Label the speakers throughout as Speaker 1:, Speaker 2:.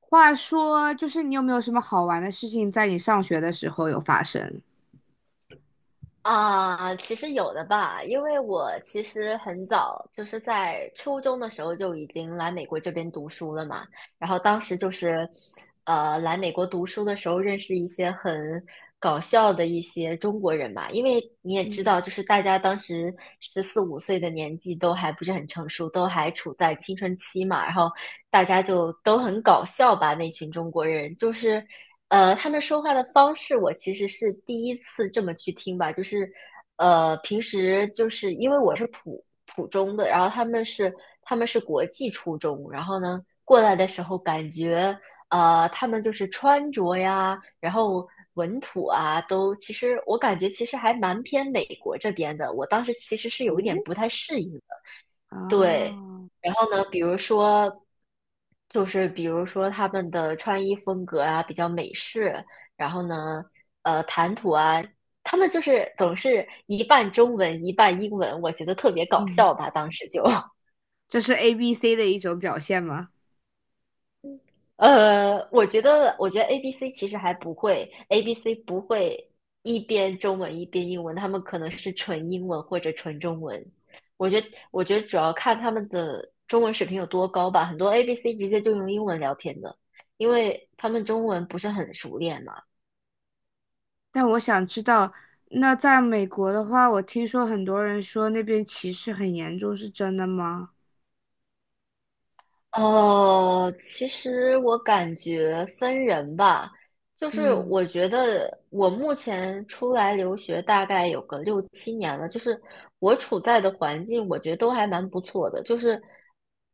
Speaker 1: 话说，就是你有没有什么好玩的事情在你上学的时候有发生？
Speaker 2: 啊，其实有的吧，因为我其实很早就是在初中的时候就已经来美国这边读书了嘛，然后当时就是，来美国读书的时候认识一些很搞笑的一些中国人吧，因为你也知
Speaker 1: 嗯。
Speaker 2: 道，就是大家当时十四五岁的年纪都还不是很成熟，都还处在青春期嘛，然后大家就都很搞笑吧，那群中国人就是。他们说话的方式我其实是第一次这么去听吧，就是平时就是因为我是普普中的，然后他们是国际初中，然后呢过来的时候感觉他们就是穿着呀，然后文土啊，都其实我感觉其实还蛮偏美国这边的，我当时其实是有一点
Speaker 1: 哦。
Speaker 2: 不太适应。对，
Speaker 1: 啊。
Speaker 2: 然后呢，比如说，就是比如说他们的穿衣风格啊，比较美式，然后呢，谈吐啊，他们就是总是一半中文一半英文，我觉得特别搞
Speaker 1: 嗯，
Speaker 2: 笑吧，当时就。
Speaker 1: 这是 ABC 的一种表现吗？
Speaker 2: 我觉得 A B C 其实还不会，ABC 不会一边中文一边英文，他们可能是纯英文或者纯中文。我觉得主要看他们的中文水平有多高吧。很多 A B C 直接就用英文聊天的，因为他们中文不是很熟练，嘛。
Speaker 1: 但我想知道，那在美国的话，我听说很多人说那边歧视很严重，是真的吗？
Speaker 2: 其实我感觉分人吧，就是
Speaker 1: 嗯。
Speaker 2: 我觉得我目前出来留学大概有个六七年了，就是我处在的环境，我觉得都还蛮不错的。就是，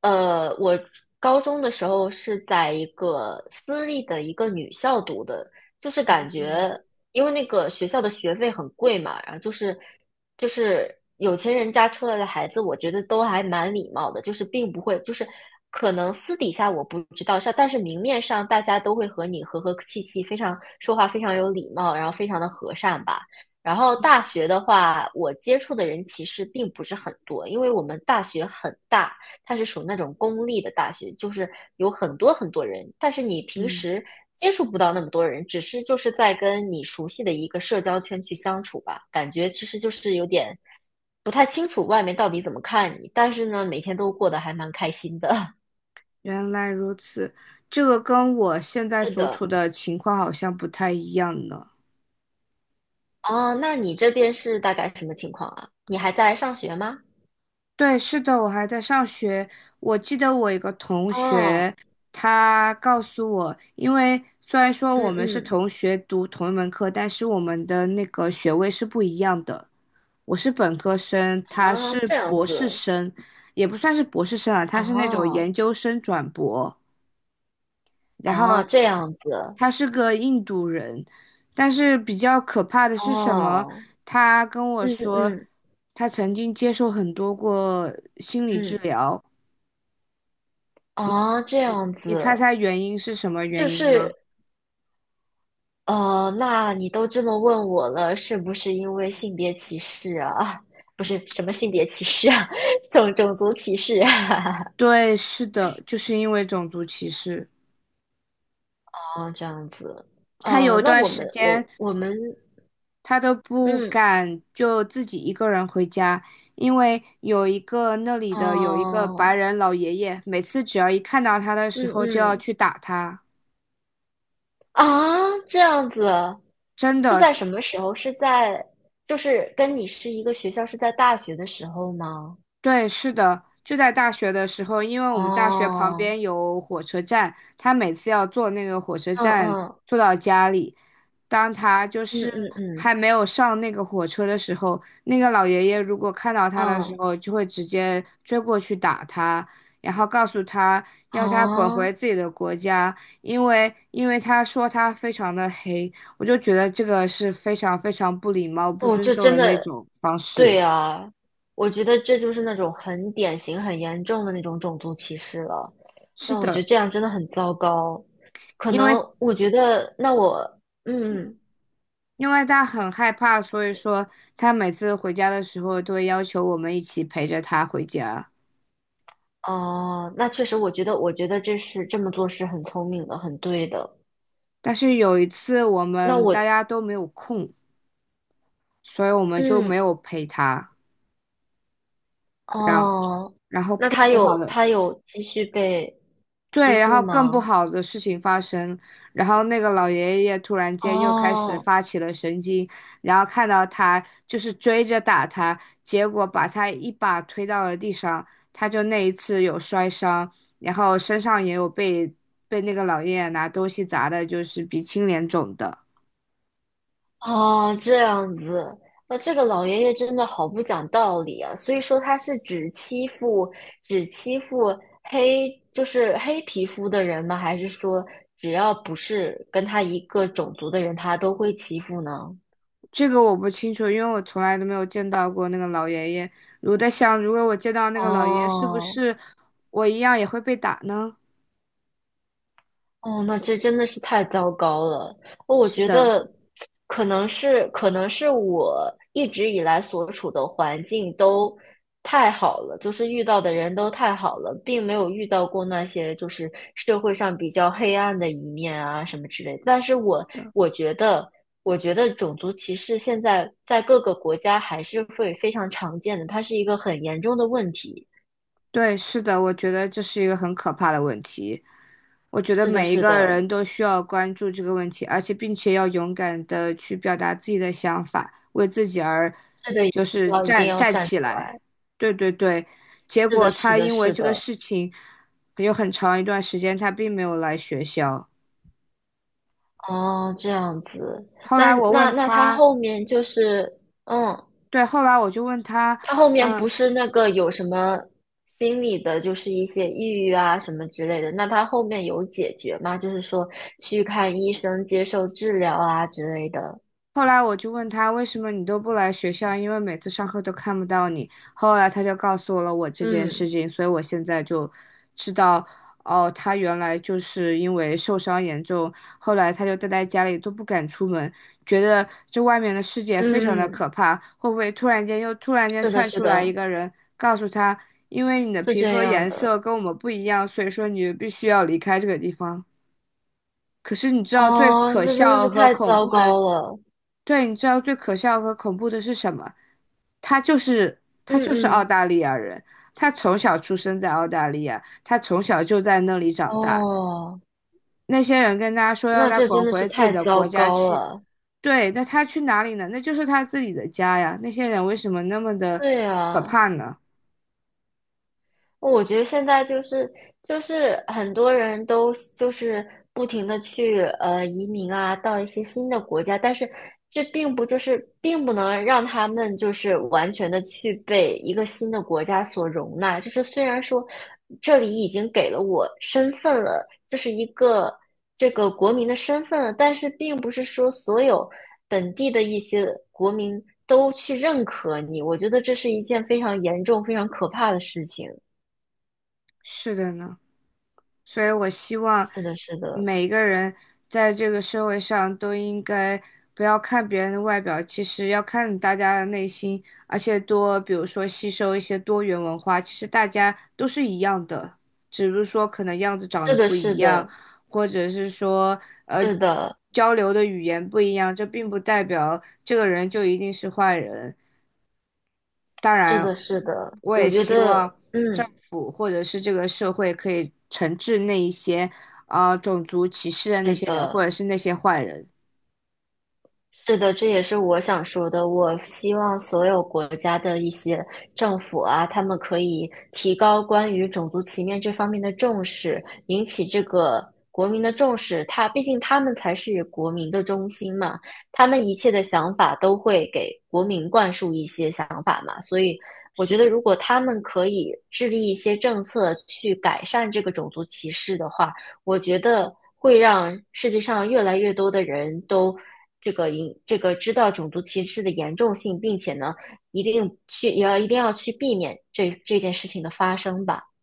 Speaker 2: 我高中的时候是在一个私立的一个女校读的，就是感
Speaker 1: 嗯。
Speaker 2: 觉因为那个学校的学费很贵嘛，然后就是有钱人家出来的孩子，我觉得都还蛮礼貌的，就是并不会，就是可能私底下我不知道，但是明面上大家都会和你和气气，非常说话非常有礼貌，然后非常的和善吧。然后大学的话，我接触的人其实并不是很多，因为我们大学很大，它是属那种公立的大学，就是有很多很多人，但是你平
Speaker 1: 嗯。
Speaker 2: 时接触不到那么多人，只是就是在跟你熟悉的一个社交圈去相处吧，感觉其实就是有点不太清楚外面到底怎么看你，但是呢，每天都过得还蛮开心的。
Speaker 1: 原来如此，这个跟我现在
Speaker 2: 是
Speaker 1: 所处
Speaker 2: 的。
Speaker 1: 的情况好像不太一样呢。
Speaker 2: 哦，那你这边是大概什么情况啊？你还在上学吗？
Speaker 1: 对，是的，我还在上学。我记得我一个同
Speaker 2: 哦。
Speaker 1: 学，他告诉我，因为虽然说
Speaker 2: 嗯
Speaker 1: 我们是
Speaker 2: 嗯。
Speaker 1: 同学读同一门课，但是我们的那个学位是不一样的。我是本科生，他
Speaker 2: 哦，
Speaker 1: 是
Speaker 2: 这样
Speaker 1: 博士
Speaker 2: 子。
Speaker 1: 生，也不算是博士生啊，他是那种
Speaker 2: 哦
Speaker 1: 研究生转博。然后
Speaker 2: 哦，这样子。
Speaker 1: 他是个印度人，但是比较可怕的是什么？
Speaker 2: 哦。
Speaker 1: 他跟我
Speaker 2: 嗯
Speaker 1: 说，
Speaker 2: 嗯
Speaker 1: 他曾经接受很多过心理治
Speaker 2: 嗯。
Speaker 1: 疗，
Speaker 2: 啊，这样
Speaker 1: 你猜
Speaker 2: 子。
Speaker 1: 猜原因是什么
Speaker 2: 就
Speaker 1: 原因呢？
Speaker 2: 是？那你都这么问我了，是不是因为性别歧视啊？啊不是什么性别歧视啊，种种族歧视啊。
Speaker 1: 对，是的，就是因为种族歧视。
Speaker 2: 哦，这样子。
Speaker 1: 他有
Speaker 2: 呃，
Speaker 1: 一
Speaker 2: 那
Speaker 1: 段
Speaker 2: 我
Speaker 1: 时
Speaker 2: 们，
Speaker 1: 间，他都不
Speaker 2: 嗯。
Speaker 1: 敢就自己一个人回家，因为有一个那里的有一个白
Speaker 2: 哦。
Speaker 1: 人老爷爷，每次只要一看到他的时
Speaker 2: 嗯
Speaker 1: 候就要
Speaker 2: 嗯。
Speaker 1: 去打他，
Speaker 2: 啊，这样子。
Speaker 1: 真
Speaker 2: 是
Speaker 1: 的。
Speaker 2: 在什么时候？是在就是跟你是一个学校，是在大学的时候吗？
Speaker 1: 对，是的，就在大学的时候，因为我们大学旁
Speaker 2: 哦。
Speaker 1: 边有火车站，他每次要坐那个火车
Speaker 2: 嗯
Speaker 1: 站
Speaker 2: 嗯
Speaker 1: 坐到家里，当他就
Speaker 2: 嗯
Speaker 1: 是
Speaker 2: 嗯嗯。
Speaker 1: 还没有上那个火车的时候，那个老爷爷如果看到他的时
Speaker 2: 嗯
Speaker 1: 候，就会直接追过去打他，然后告诉他
Speaker 2: 啊，
Speaker 1: 要他滚回自己的国家，因为他说他非常的黑，我就觉得这个是非常非常不礼貌、不
Speaker 2: 我
Speaker 1: 尊
Speaker 2: 就
Speaker 1: 重
Speaker 2: 真
Speaker 1: 人的一
Speaker 2: 的，
Speaker 1: 种方式。
Speaker 2: 对啊，我觉得这就是那种很典型、很严重的那种种族歧视了。
Speaker 1: 是
Speaker 2: 那我觉
Speaker 1: 的。
Speaker 2: 得这样真的很糟糕。可
Speaker 1: 因为
Speaker 2: 能我觉得，那我，嗯。
Speaker 1: 因为他很害怕，所以说他每次回家的时候都会要求我们一起陪着他回家。
Speaker 2: 哦、那确实，我觉得，我觉得这是这么做是很聪明的，很对的。
Speaker 1: 但是有一次我
Speaker 2: 那
Speaker 1: 们大
Speaker 2: 我，
Speaker 1: 家都没有空，所以我们就没
Speaker 2: 嗯。
Speaker 1: 有陪他，让
Speaker 2: 哦，
Speaker 1: 然后
Speaker 2: 那
Speaker 1: 更
Speaker 2: 他
Speaker 1: 不
Speaker 2: 有
Speaker 1: 好的。
Speaker 2: 他有继续被欺
Speaker 1: 对，然
Speaker 2: 负
Speaker 1: 后更不
Speaker 2: 吗？
Speaker 1: 好的事情发生，然后那个老爷爷突然间又开始
Speaker 2: 哦。
Speaker 1: 发起了神经，然后看到他就是追着打他，结果把他一把推到了地上，他就那一次有摔伤，然后身上也有被那个老爷爷拿东西砸的，就是鼻青脸肿的。
Speaker 2: 哦，这样子。那这个老爷爷真的好不讲道理啊！所以说他是只欺负黑，就是黑皮肤的人吗？还是说只要不是跟他一个种族的人，他都会欺负呢？
Speaker 1: 这个我不清楚，因为我从来都没有见到过那个老爷爷。我在想，如果我见到那个老爷爷，是不
Speaker 2: 哦。
Speaker 1: 是我一样也会被打呢？
Speaker 2: 哦，那这真的是太糟糕了。哦我
Speaker 1: 是
Speaker 2: 觉
Speaker 1: 的。
Speaker 2: 得可能是我一直以来所处的环境都太好了，就是遇到的人都太好了，并没有遇到过那些就是社会上比较黑暗的一面啊什么之类的。但是我我觉得，我觉得种族歧视现在在各个国家还是会非常常见的，它是一个很严重的问题。
Speaker 1: 对，是的，我觉得这是一个很可怕的问题。我觉得
Speaker 2: 是的，
Speaker 1: 每一
Speaker 2: 是
Speaker 1: 个
Speaker 2: 的，
Speaker 1: 人都需要关注这个问题，而且并且要勇敢的去表达自己的想法，为自己而
Speaker 2: 是的，一
Speaker 1: 就是
Speaker 2: 定要一定
Speaker 1: 站
Speaker 2: 要
Speaker 1: 站
Speaker 2: 站
Speaker 1: 起
Speaker 2: 出来。
Speaker 1: 来。对对对，结
Speaker 2: 是
Speaker 1: 果
Speaker 2: 的，是
Speaker 1: 他
Speaker 2: 的，
Speaker 1: 因为
Speaker 2: 是
Speaker 1: 这个
Speaker 2: 的。
Speaker 1: 事情有很长一段时间他并没有来学校。
Speaker 2: 哦，这样子。
Speaker 1: 后
Speaker 2: 那
Speaker 1: 来我
Speaker 2: 那
Speaker 1: 问
Speaker 2: 那他
Speaker 1: 他，
Speaker 2: 后面就是，嗯。
Speaker 1: 对，后来我就问他。
Speaker 2: 他后面
Speaker 1: 嗯。
Speaker 2: 不是那个有什么心理的，就是一些抑郁啊什么之类的，那他后面有解决吗？就是说去看医生、接受治疗啊之类的。
Speaker 1: 后来我就问他为什么你都不来学校，因为每次上课都看不到你。后来他就告诉我了我这件事
Speaker 2: 嗯
Speaker 1: 情，所以我现在就知道，哦，他原来就是因为受伤严重，后来他就待在家里都不敢出门，觉得这外面的世界非常的
Speaker 2: 嗯嗯。
Speaker 1: 可怕。会不会突然间又突然间
Speaker 2: 是的，
Speaker 1: 窜
Speaker 2: 是
Speaker 1: 出来一
Speaker 2: 的。
Speaker 1: 个人，告诉他，因为你的
Speaker 2: 是
Speaker 1: 皮
Speaker 2: 这
Speaker 1: 肤
Speaker 2: 样
Speaker 1: 颜色
Speaker 2: 的。
Speaker 1: 跟我们不一样，所以说你必须要离开这个地方。可是你知道最
Speaker 2: 哦，
Speaker 1: 可
Speaker 2: 这真的
Speaker 1: 笑
Speaker 2: 是
Speaker 1: 和
Speaker 2: 太
Speaker 1: 恐
Speaker 2: 糟
Speaker 1: 怖的。
Speaker 2: 糕了。
Speaker 1: 对，你知道最可笑和恐怖的是什么？他就是他
Speaker 2: 嗯
Speaker 1: 就是澳
Speaker 2: 嗯。
Speaker 1: 大利亚人，他从小出生在澳大利亚，他从小就在那里长大。
Speaker 2: 哦，
Speaker 1: 那些人跟他说要
Speaker 2: 那
Speaker 1: 他
Speaker 2: 这
Speaker 1: 滚
Speaker 2: 真的是
Speaker 1: 回自己
Speaker 2: 太
Speaker 1: 的
Speaker 2: 糟
Speaker 1: 国家
Speaker 2: 糕
Speaker 1: 去，
Speaker 2: 了。
Speaker 1: 对，那他去哪里呢？那就是他自己的家呀。那些人为什么那么的
Speaker 2: 对
Speaker 1: 可
Speaker 2: 呀、
Speaker 1: 怕呢？
Speaker 2: 我觉得现在就是很多人都不停的去移民啊，到一些新的国家，但是这并不并不能让他们就是完全的去被一个新的国家所容纳。就是虽然说这里已经给了我身份了，就是一个这个国民的身份了，但是并不是说所有本地的一些国民都去认可你。我觉得这是一件非常严重、非常可怕的事情。
Speaker 1: 是的呢。所以我希望
Speaker 2: 是的，是的，
Speaker 1: 每一个人在这个社会上都应该不要看别人的外表，其实要看大家的内心，而且多，比如说吸收一些多元文化，其实大家都是一样的，只是说可能样子长得
Speaker 2: 是的，
Speaker 1: 不一
Speaker 2: 是
Speaker 1: 样，
Speaker 2: 的，
Speaker 1: 或者是说呃
Speaker 2: 是的，
Speaker 1: 交流的语言不一样，这并不代表这个人就一定是坏人。当
Speaker 2: 是
Speaker 1: 然，
Speaker 2: 的，是的，
Speaker 1: 我
Speaker 2: 我
Speaker 1: 也
Speaker 2: 觉
Speaker 1: 希
Speaker 2: 得，
Speaker 1: 望政
Speaker 2: 嗯，
Speaker 1: 府或者是这个社会可以惩治那一些种族歧视的那
Speaker 2: 是
Speaker 1: 些人，
Speaker 2: 的。
Speaker 1: 或者是那些坏人。
Speaker 2: 是的，这也是我想说的。我希望所有国家的一些政府啊，他们可以提高关于种族歧视这方面的重视，引起这个国民的重视。他毕竟他们才是国民的中心嘛，他们一切的想法都会给国民灌输一些想法嘛。所以，我
Speaker 1: 是
Speaker 2: 觉得
Speaker 1: 的，
Speaker 2: 如果他们可以制定一些政策去改善这个种族歧视的话，我觉得会让世界上越来越多的人都这个这个知道种族歧视的严重性，并且呢，一定要去避免这件事情的发生吧。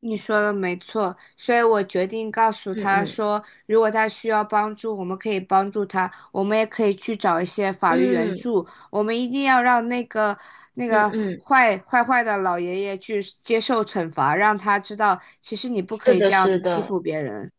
Speaker 1: 你说的没错，所以我决定告诉
Speaker 2: 嗯
Speaker 1: 他
Speaker 2: 嗯
Speaker 1: 说，如果他需要帮助，我们可以帮助他，我们也可以去找一些法律援
Speaker 2: 嗯
Speaker 1: 助，我们一定要让那个那
Speaker 2: 嗯
Speaker 1: 个
Speaker 2: 嗯。
Speaker 1: 坏的老爷爷去接受惩罚，让他知道其实你不可
Speaker 2: 是
Speaker 1: 以
Speaker 2: 的，
Speaker 1: 这样
Speaker 2: 是
Speaker 1: 子欺
Speaker 2: 的，
Speaker 1: 负别人。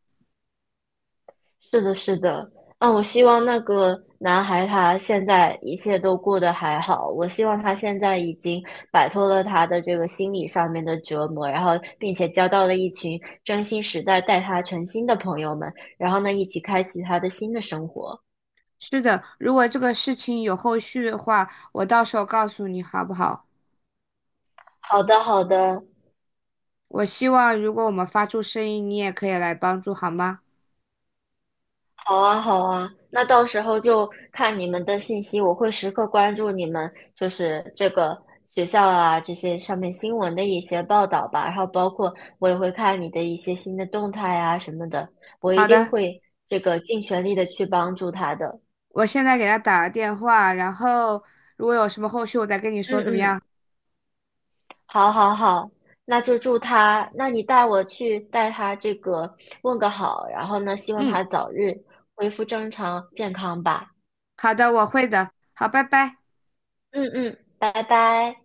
Speaker 2: 是的，是的。啊，我希望那个男孩他现在一切都过得还好。我希望他现在已经摆脱了他的这个心理上面的折磨，然后并且交到了一群真心实在待他诚心的朋友们，然后呢，一起开启他的新的生活。
Speaker 1: 是的，如果这个事情有后续的话，我到时候告诉你好不好？
Speaker 2: 好的，好的。
Speaker 1: 我希望如果我们发出声音，你也可以来帮助，好吗？
Speaker 2: 好啊，好啊，那到时候就看你们的信息，我会时刻关注你们，就是这个学校啊，这些上面新闻的一些报道吧，然后包括我也会看你的一些新的动态啊什么的，我一
Speaker 1: 好
Speaker 2: 定
Speaker 1: 的，
Speaker 2: 会尽全力的去帮助他的。
Speaker 1: 我现在给他打个电话，然后如果有什么后续，我再跟你
Speaker 2: 嗯
Speaker 1: 说怎么
Speaker 2: 嗯。
Speaker 1: 样？
Speaker 2: 好，好，好，那就祝他，那你带我去带他这个问个好，然后呢，希望
Speaker 1: 嗯，
Speaker 2: 他早日恢复正常健康吧。
Speaker 1: 好的，我会的。好，拜拜。
Speaker 2: 嗯嗯，拜拜。